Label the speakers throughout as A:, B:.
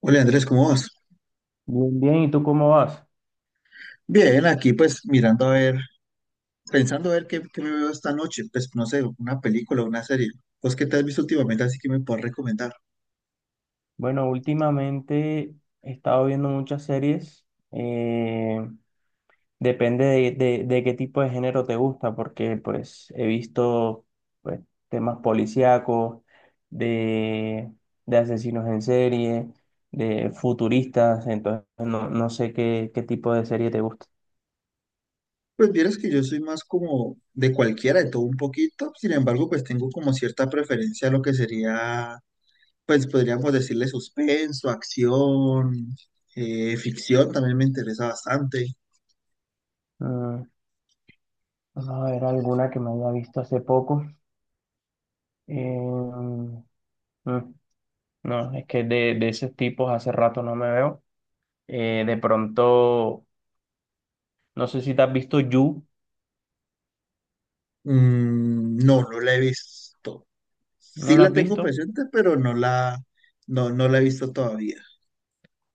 A: Hola Andrés, ¿cómo vas?
B: Bien, bien, ¿y tú cómo vas?
A: Bien, aquí pues mirando a ver, pensando a ver qué me veo esta noche, pues no sé, una película, una serie. ¿Pues qué te has visto últimamente así que me puedes recomendar?
B: Bueno, últimamente he estado viendo muchas series. eh, Depende de, de qué tipo de género te gusta, porque pues he visto pues, temas policíacos, de, de asesinos en serie, de futuristas, entonces no sé qué tipo de serie te gusta.
A: Pues vieras que yo soy más como de cualquiera, de todo un poquito, sin embargo pues tengo como cierta preferencia a lo que sería, pues podríamos decirle suspenso, acción, ficción, también me interesa bastante.
B: Mm, Vamos a ver alguna que me haya visto hace poco. Em, mm, no, es que de esos tipos hace rato no me veo. De pronto, no sé si te has visto You.
A: No, no la he visto.
B: ¿No
A: Sí
B: la
A: la
B: has
A: tengo
B: visto?
A: presente, pero no la he visto todavía.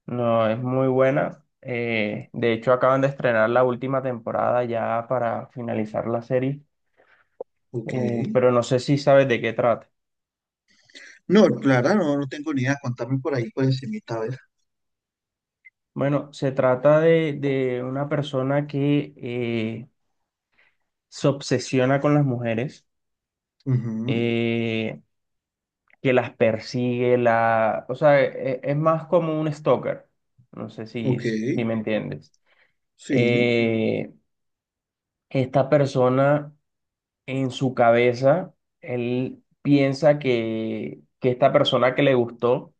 B: No, es muy buena. De hecho, acaban de estrenar la última temporada ya para finalizar la serie,
A: Ok.
B: pero no sé si sabes de qué trata.
A: No, Clara, no, no tengo ni idea. Contame por ahí, pues, encimita, a ver.
B: Bueno, se trata de una persona que se obsesiona con las mujeres,
A: Ujú.
B: eh, que las persigue, o sea, es más como un stalker. No sé si,
A: Ok,
B: si me entiendes.
A: sí.
B: Eh, Esta persona, en su cabeza, él piensa que esta persona que le gustó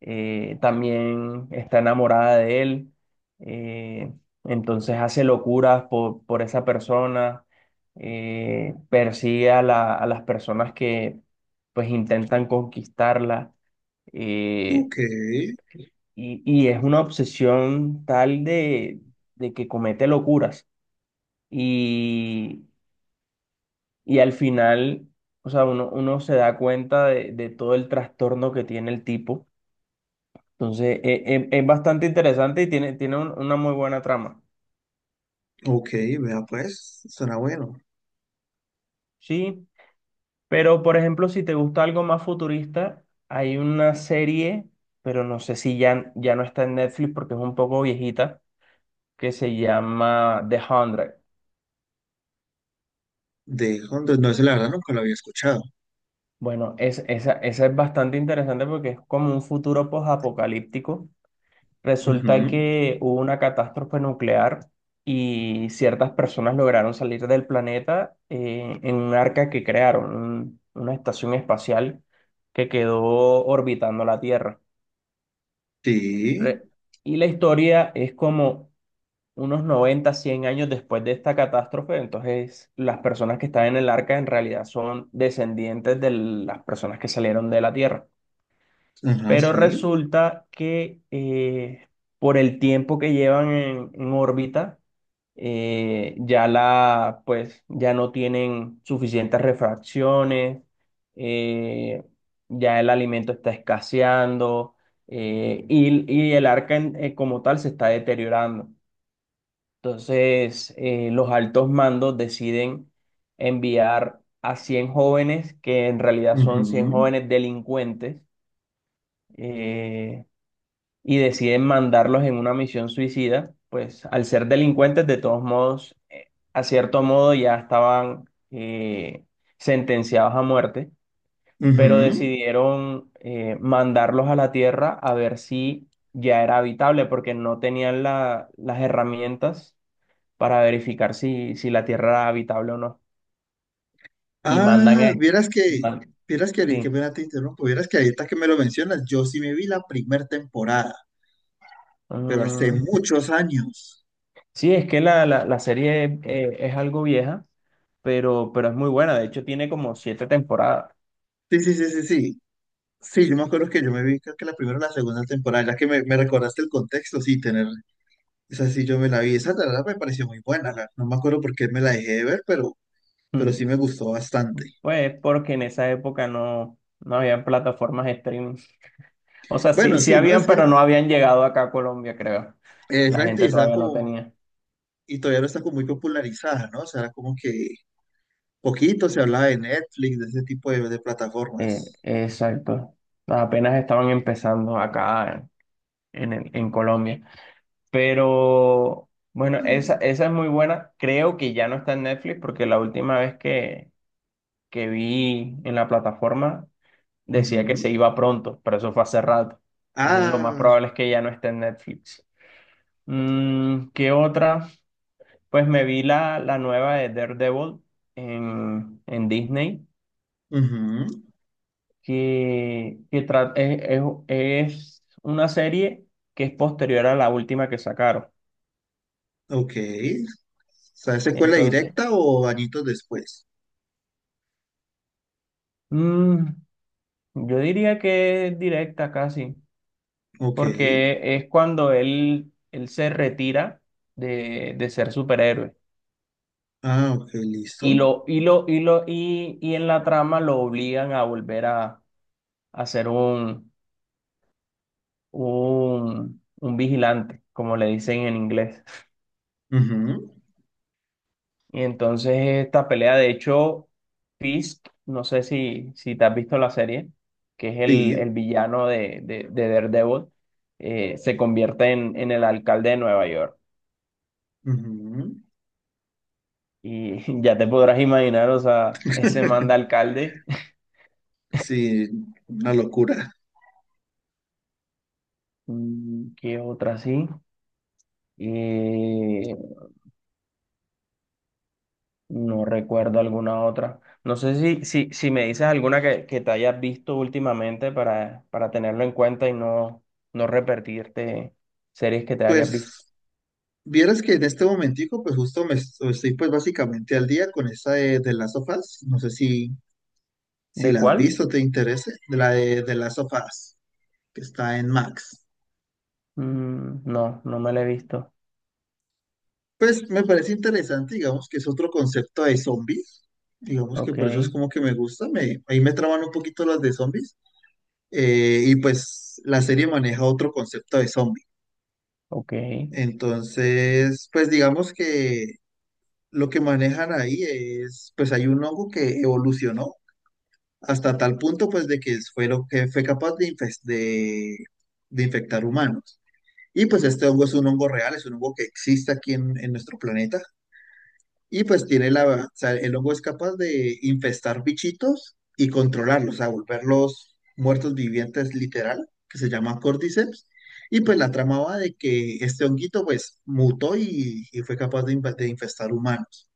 B: también está enamorada de él. eh, entonces hace locuras por esa persona, persigue a las personas que pues intentan conquistarla. eh,
A: Ok,
B: y es una obsesión tal de que comete locuras. Y al final, o sea, uno se da cuenta de todo el trastorno que tiene el tipo. Entonces, es bastante interesante y tiene una muy buena trama.
A: ok, vea, pues, suena bueno.
B: Sí, pero por ejemplo, si te gusta algo más futurista, hay una serie, pero no sé si ya no está en Netflix porque es un poco viejita, que se llama The Hundred.
A: De Honduras, no, ese la verdad nunca lo había escuchado.
B: Bueno, esa es bastante interesante porque es como un futuro post-apocalíptico. Resulta
A: Ujú.
B: que hubo una catástrofe nuclear y ciertas personas lograron salir del planeta en un arca que crearon, una estación espacial que quedó orbitando la Tierra.
A: Sí,
B: Re- y la historia es como unos 90, 100 años después de esta catástrofe, entonces las personas que están en el arca en realidad son descendientes de las personas que salieron de la Tierra.
A: ajá,
B: Pero
A: sí.
B: resulta que por el tiempo que llevan en órbita, ya pues, ya no tienen suficientes refracciones, eh, ya el alimento está escaseando, y el arca como tal se está deteriorando. Entonces, los altos mandos deciden enviar a 100 jóvenes, que en realidad son 100
A: Ujú.
B: jóvenes delincuentes, eh, y deciden mandarlos en una misión suicida. Pues al ser delincuentes, de todos modos, a cierto modo ya estaban sentenciados a muerte, pero
A: Ujú.
B: decidieron mandarlos a la Tierra a ver si ya era habitable, porque no tenían las herramientas para verificar si la Tierra era habitable o no. Y mandan a...
A: Ah,
B: Wow. y man-
A: vieras que ahorita que
B: sí.
A: me te interrumpo, vieras que ahorita que me lo mencionas, yo sí me vi la primera temporada, pero hace
B: Mm,
A: muchos años.
B: sí, es que la serie es algo vieja, pero es muy buena. De hecho, tiene como siete temporadas.
A: Sí, sí, sí, sí, sí. Sí, yo me acuerdo que yo me vi, creo que la primera o la segunda temporada, ya que me recordaste el contexto, sí, esa sí yo me la vi, esa la verdad me pareció muy buena, no me acuerdo por qué me la dejé de ver, pero
B: Mm.
A: sí me gustó bastante.
B: Pues porque en esa época no habían plataformas streaming. O sea, sí,
A: Bueno,
B: sí
A: sí, ¿no?
B: habían,
A: Es que,
B: pero no habían llegado acá a Colombia, creo. La
A: exacto, y
B: gente
A: está
B: todavía no
A: como,
B: tenía.
A: y todavía no está como muy popularizada, ¿no? O sea, era como que poquito se hablaba de Netflix, de ese tipo de plataformas.
B: Exacto. Apenas estaban empezando acá en Colombia. Pero bueno,
A: Sí.
B: esa es muy buena. Creo que ya no está en Netflix porque la última vez que vi en la plataforma decía que se
A: Ujú.
B: iba pronto, pero eso fue hace rato. Entonces lo más
A: Ah,
B: probable es que ya no esté en Netflix. ¿Qué otra? Pues me vi la nueva de Daredevil en Disney,
A: ujú.
B: que es una serie que es posterior a la última que sacaron.
A: Ok. O sea, ¿secuela
B: Entonces,
A: directa o añitos después?
B: mm, yo diría que es directa casi,
A: Ok.
B: porque es cuando él se retira de ser superhéroe.
A: Ah, ok, listo.
B: Y en la trama lo obligan a volver a ser un vigilante, como le dicen en inglés.
A: Ujú,
B: Y entonces esta pelea, de hecho, Fisk, no sé si te has visto la serie, que es el,
A: sí.
B: el villano de Daredevil, se convierte en el alcalde de Nueva York.
A: Ujú.
B: Y ya te podrás imaginar, o sea, ese manda alcalde.
A: Sí, una locura.
B: ¿Qué otra sí? Eh, No recuerdo alguna otra. No sé si me dices alguna que te hayas visto últimamente para tenerlo en cuenta y no repetirte series que te hayas visto.
A: Pues vieras que en este momentico, pues justo me estoy pues básicamente al día con esa de las sofás. No sé si
B: ¿De
A: la has
B: cuál?
A: visto, te interese, de las sofás, que está en Max.
B: Mm, no, no me la he visto.
A: Pues me parece interesante, digamos que es otro concepto de zombies. Digamos que
B: Ok,
A: por eso es como que me gusta, ahí me traban un poquito las de zombies. Y pues la serie maneja otro concepto de zombies.
B: ok.
A: Entonces, pues digamos que lo que manejan ahí es, pues hay un hongo que evolucionó hasta tal punto, pues de que fue lo que fue capaz de infectar humanos. Y pues este hongo es un hongo real, es un hongo que existe aquí en nuestro planeta. Y pues tiene la, o sea, el hongo es capaz de infestar bichitos y controlarlos, a volverlos muertos vivientes literal, que se llama Cordyceps. Y pues la trama va de que este honguito pues mutó y fue capaz de infestar humanos.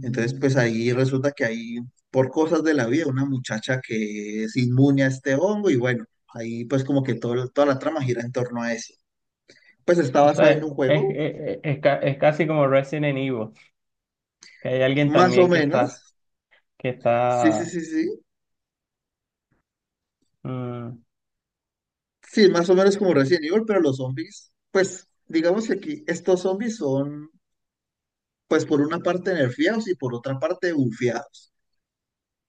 A: Entonces pues ahí resulta que hay, por cosas de la vida, una muchacha que es inmune a este hongo y bueno, ahí pues como que toda la trama gira en torno a eso. Pues está
B: o
A: basada en un
B: sea, es,
A: juego,
B: es, es- es ca- es casi como Resident Evil, que hay alguien
A: más o
B: también que
A: menos.
B: está, que
A: Sí, sí,
B: está...
A: sí, sí.
B: mm,
A: Sí, más o menos como Resident Evil, pero los zombies, pues digamos que aquí estos zombies son, pues por una parte nerfeados y por otra parte bufiados.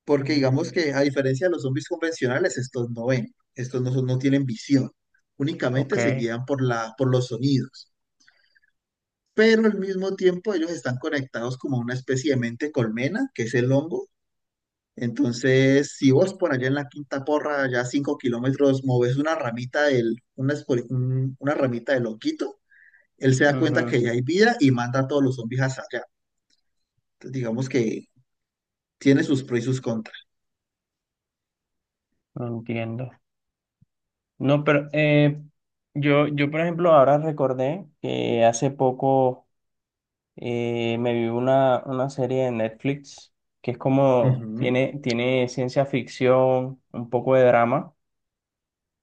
A: Porque digamos
B: mm,
A: que a diferencia de los zombies convencionales, estos no ven, estos no, son- no tienen visión,
B: ok,
A: únicamente se guían por los sonidos. Pero al mismo tiempo ellos están conectados como a una especie de mente colmena, que es el hongo. Entonces, si vos por allá en la Quinta Porra, ya 5 km, moves una ramita del honguito, él se da cuenta
B: ujú,
A: que ya hay vida y manda a todos los zombies hasta allá. Entonces, digamos que tiene sus pros y sus contras.
B: no entiendo. No, pero yo, por ejemplo, ahora recordé que hace poco me vi una serie de Netflix que es como,
A: Ujú.
B: tiene ciencia ficción, un poco de drama,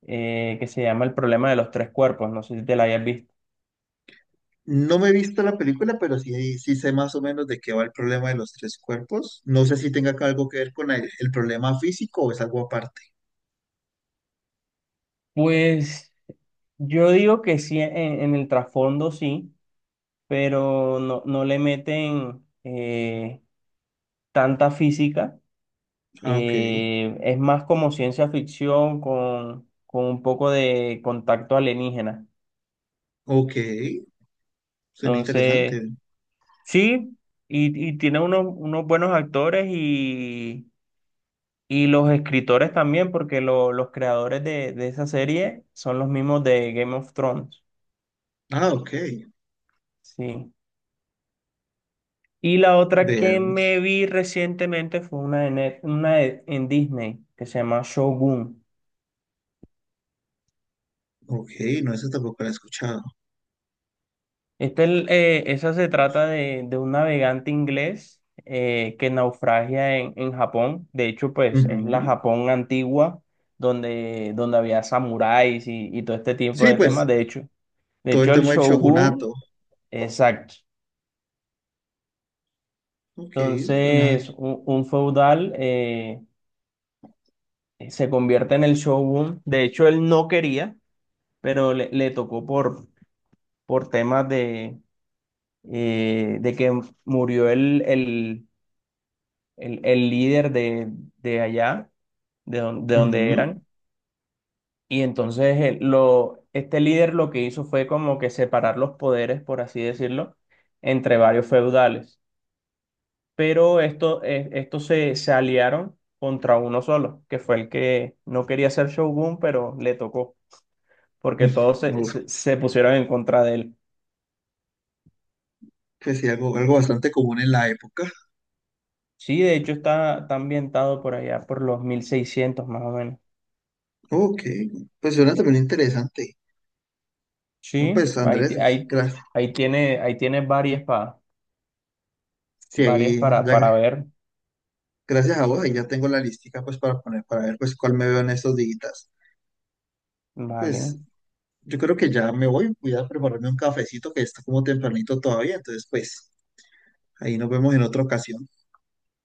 B: que se llama El problema de los tres cuerpos. No sé si te la hayas visto.
A: No me he visto la película, pero sí, sí sé más o menos de qué va el problema de los tres cuerpos. No sé si tenga algo que ver con el problema físico o es algo aparte.
B: Pues yo digo que sí, en el trasfondo sí, pero no le meten tanta física.
A: Ah, ok.
B: Es más como ciencia ficción con un poco de contacto alienígena.
A: Ok. Suena
B: Entonces,
A: interesante.
B: sí, y tiene unos buenos actores y, los escritores también, porque los creadores de esa serie son los mismos de Game of Thrones.
A: Ah, ok.
B: Sí. Y la otra que
A: Veamos.
B: me vi recientemente fue una en Disney que se llama Shogun.
A: Ok, no, esa tampoco la he escuchado.
B: Esa se trata de un navegante inglés que naufragia en Japón. De hecho, pues es la
A: Ujú.
B: Japón antigua donde, había samuráis y, todo este tipo
A: Sí,
B: de temas.
A: pues
B: De hecho,
A: todo el
B: el
A: tema del
B: shogun,
A: shogunato.
B: exacto.
A: Ok, suena.
B: Entonces, un feudal se convierte en el shogun. De hecho, él no quería, pero le tocó por temas de que murió el líder de allá, de donde
A: Ujú.
B: eran. Y entonces este líder lo que hizo fue como que separar los poderes, por así decirlo, entre varios feudales. Pero estos se aliaron contra uno solo, que fue el que no quería ser Shogun, pero le tocó, porque todos se, se, se pusieron en contra de él.
A: Pues sí, algo bastante común en la época.
B: Sí, de hecho está ambientado por allá, por los 1600 más o menos.
A: Ok, pues suena también interesante. No,
B: Sí,
A: pues
B: ahí, ti-
A: Andrés,
B: ahí,
A: gracias.
B: ahí tiene varias espadas,
A: Sí,
B: varias
A: ahí,
B: para, para ver.
A: gracias a vos, ahí ya tengo la listica pues para poner, para ver pues cuál me veo en estos días.
B: Vale,
A: Pues yo creo que ya me voy, voy a prepararme un cafecito que está como tempranito todavía, entonces pues ahí nos vemos en otra ocasión.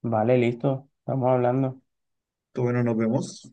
B: vale, listo. Estamos hablando.
A: Entonces, bueno, nos vemos.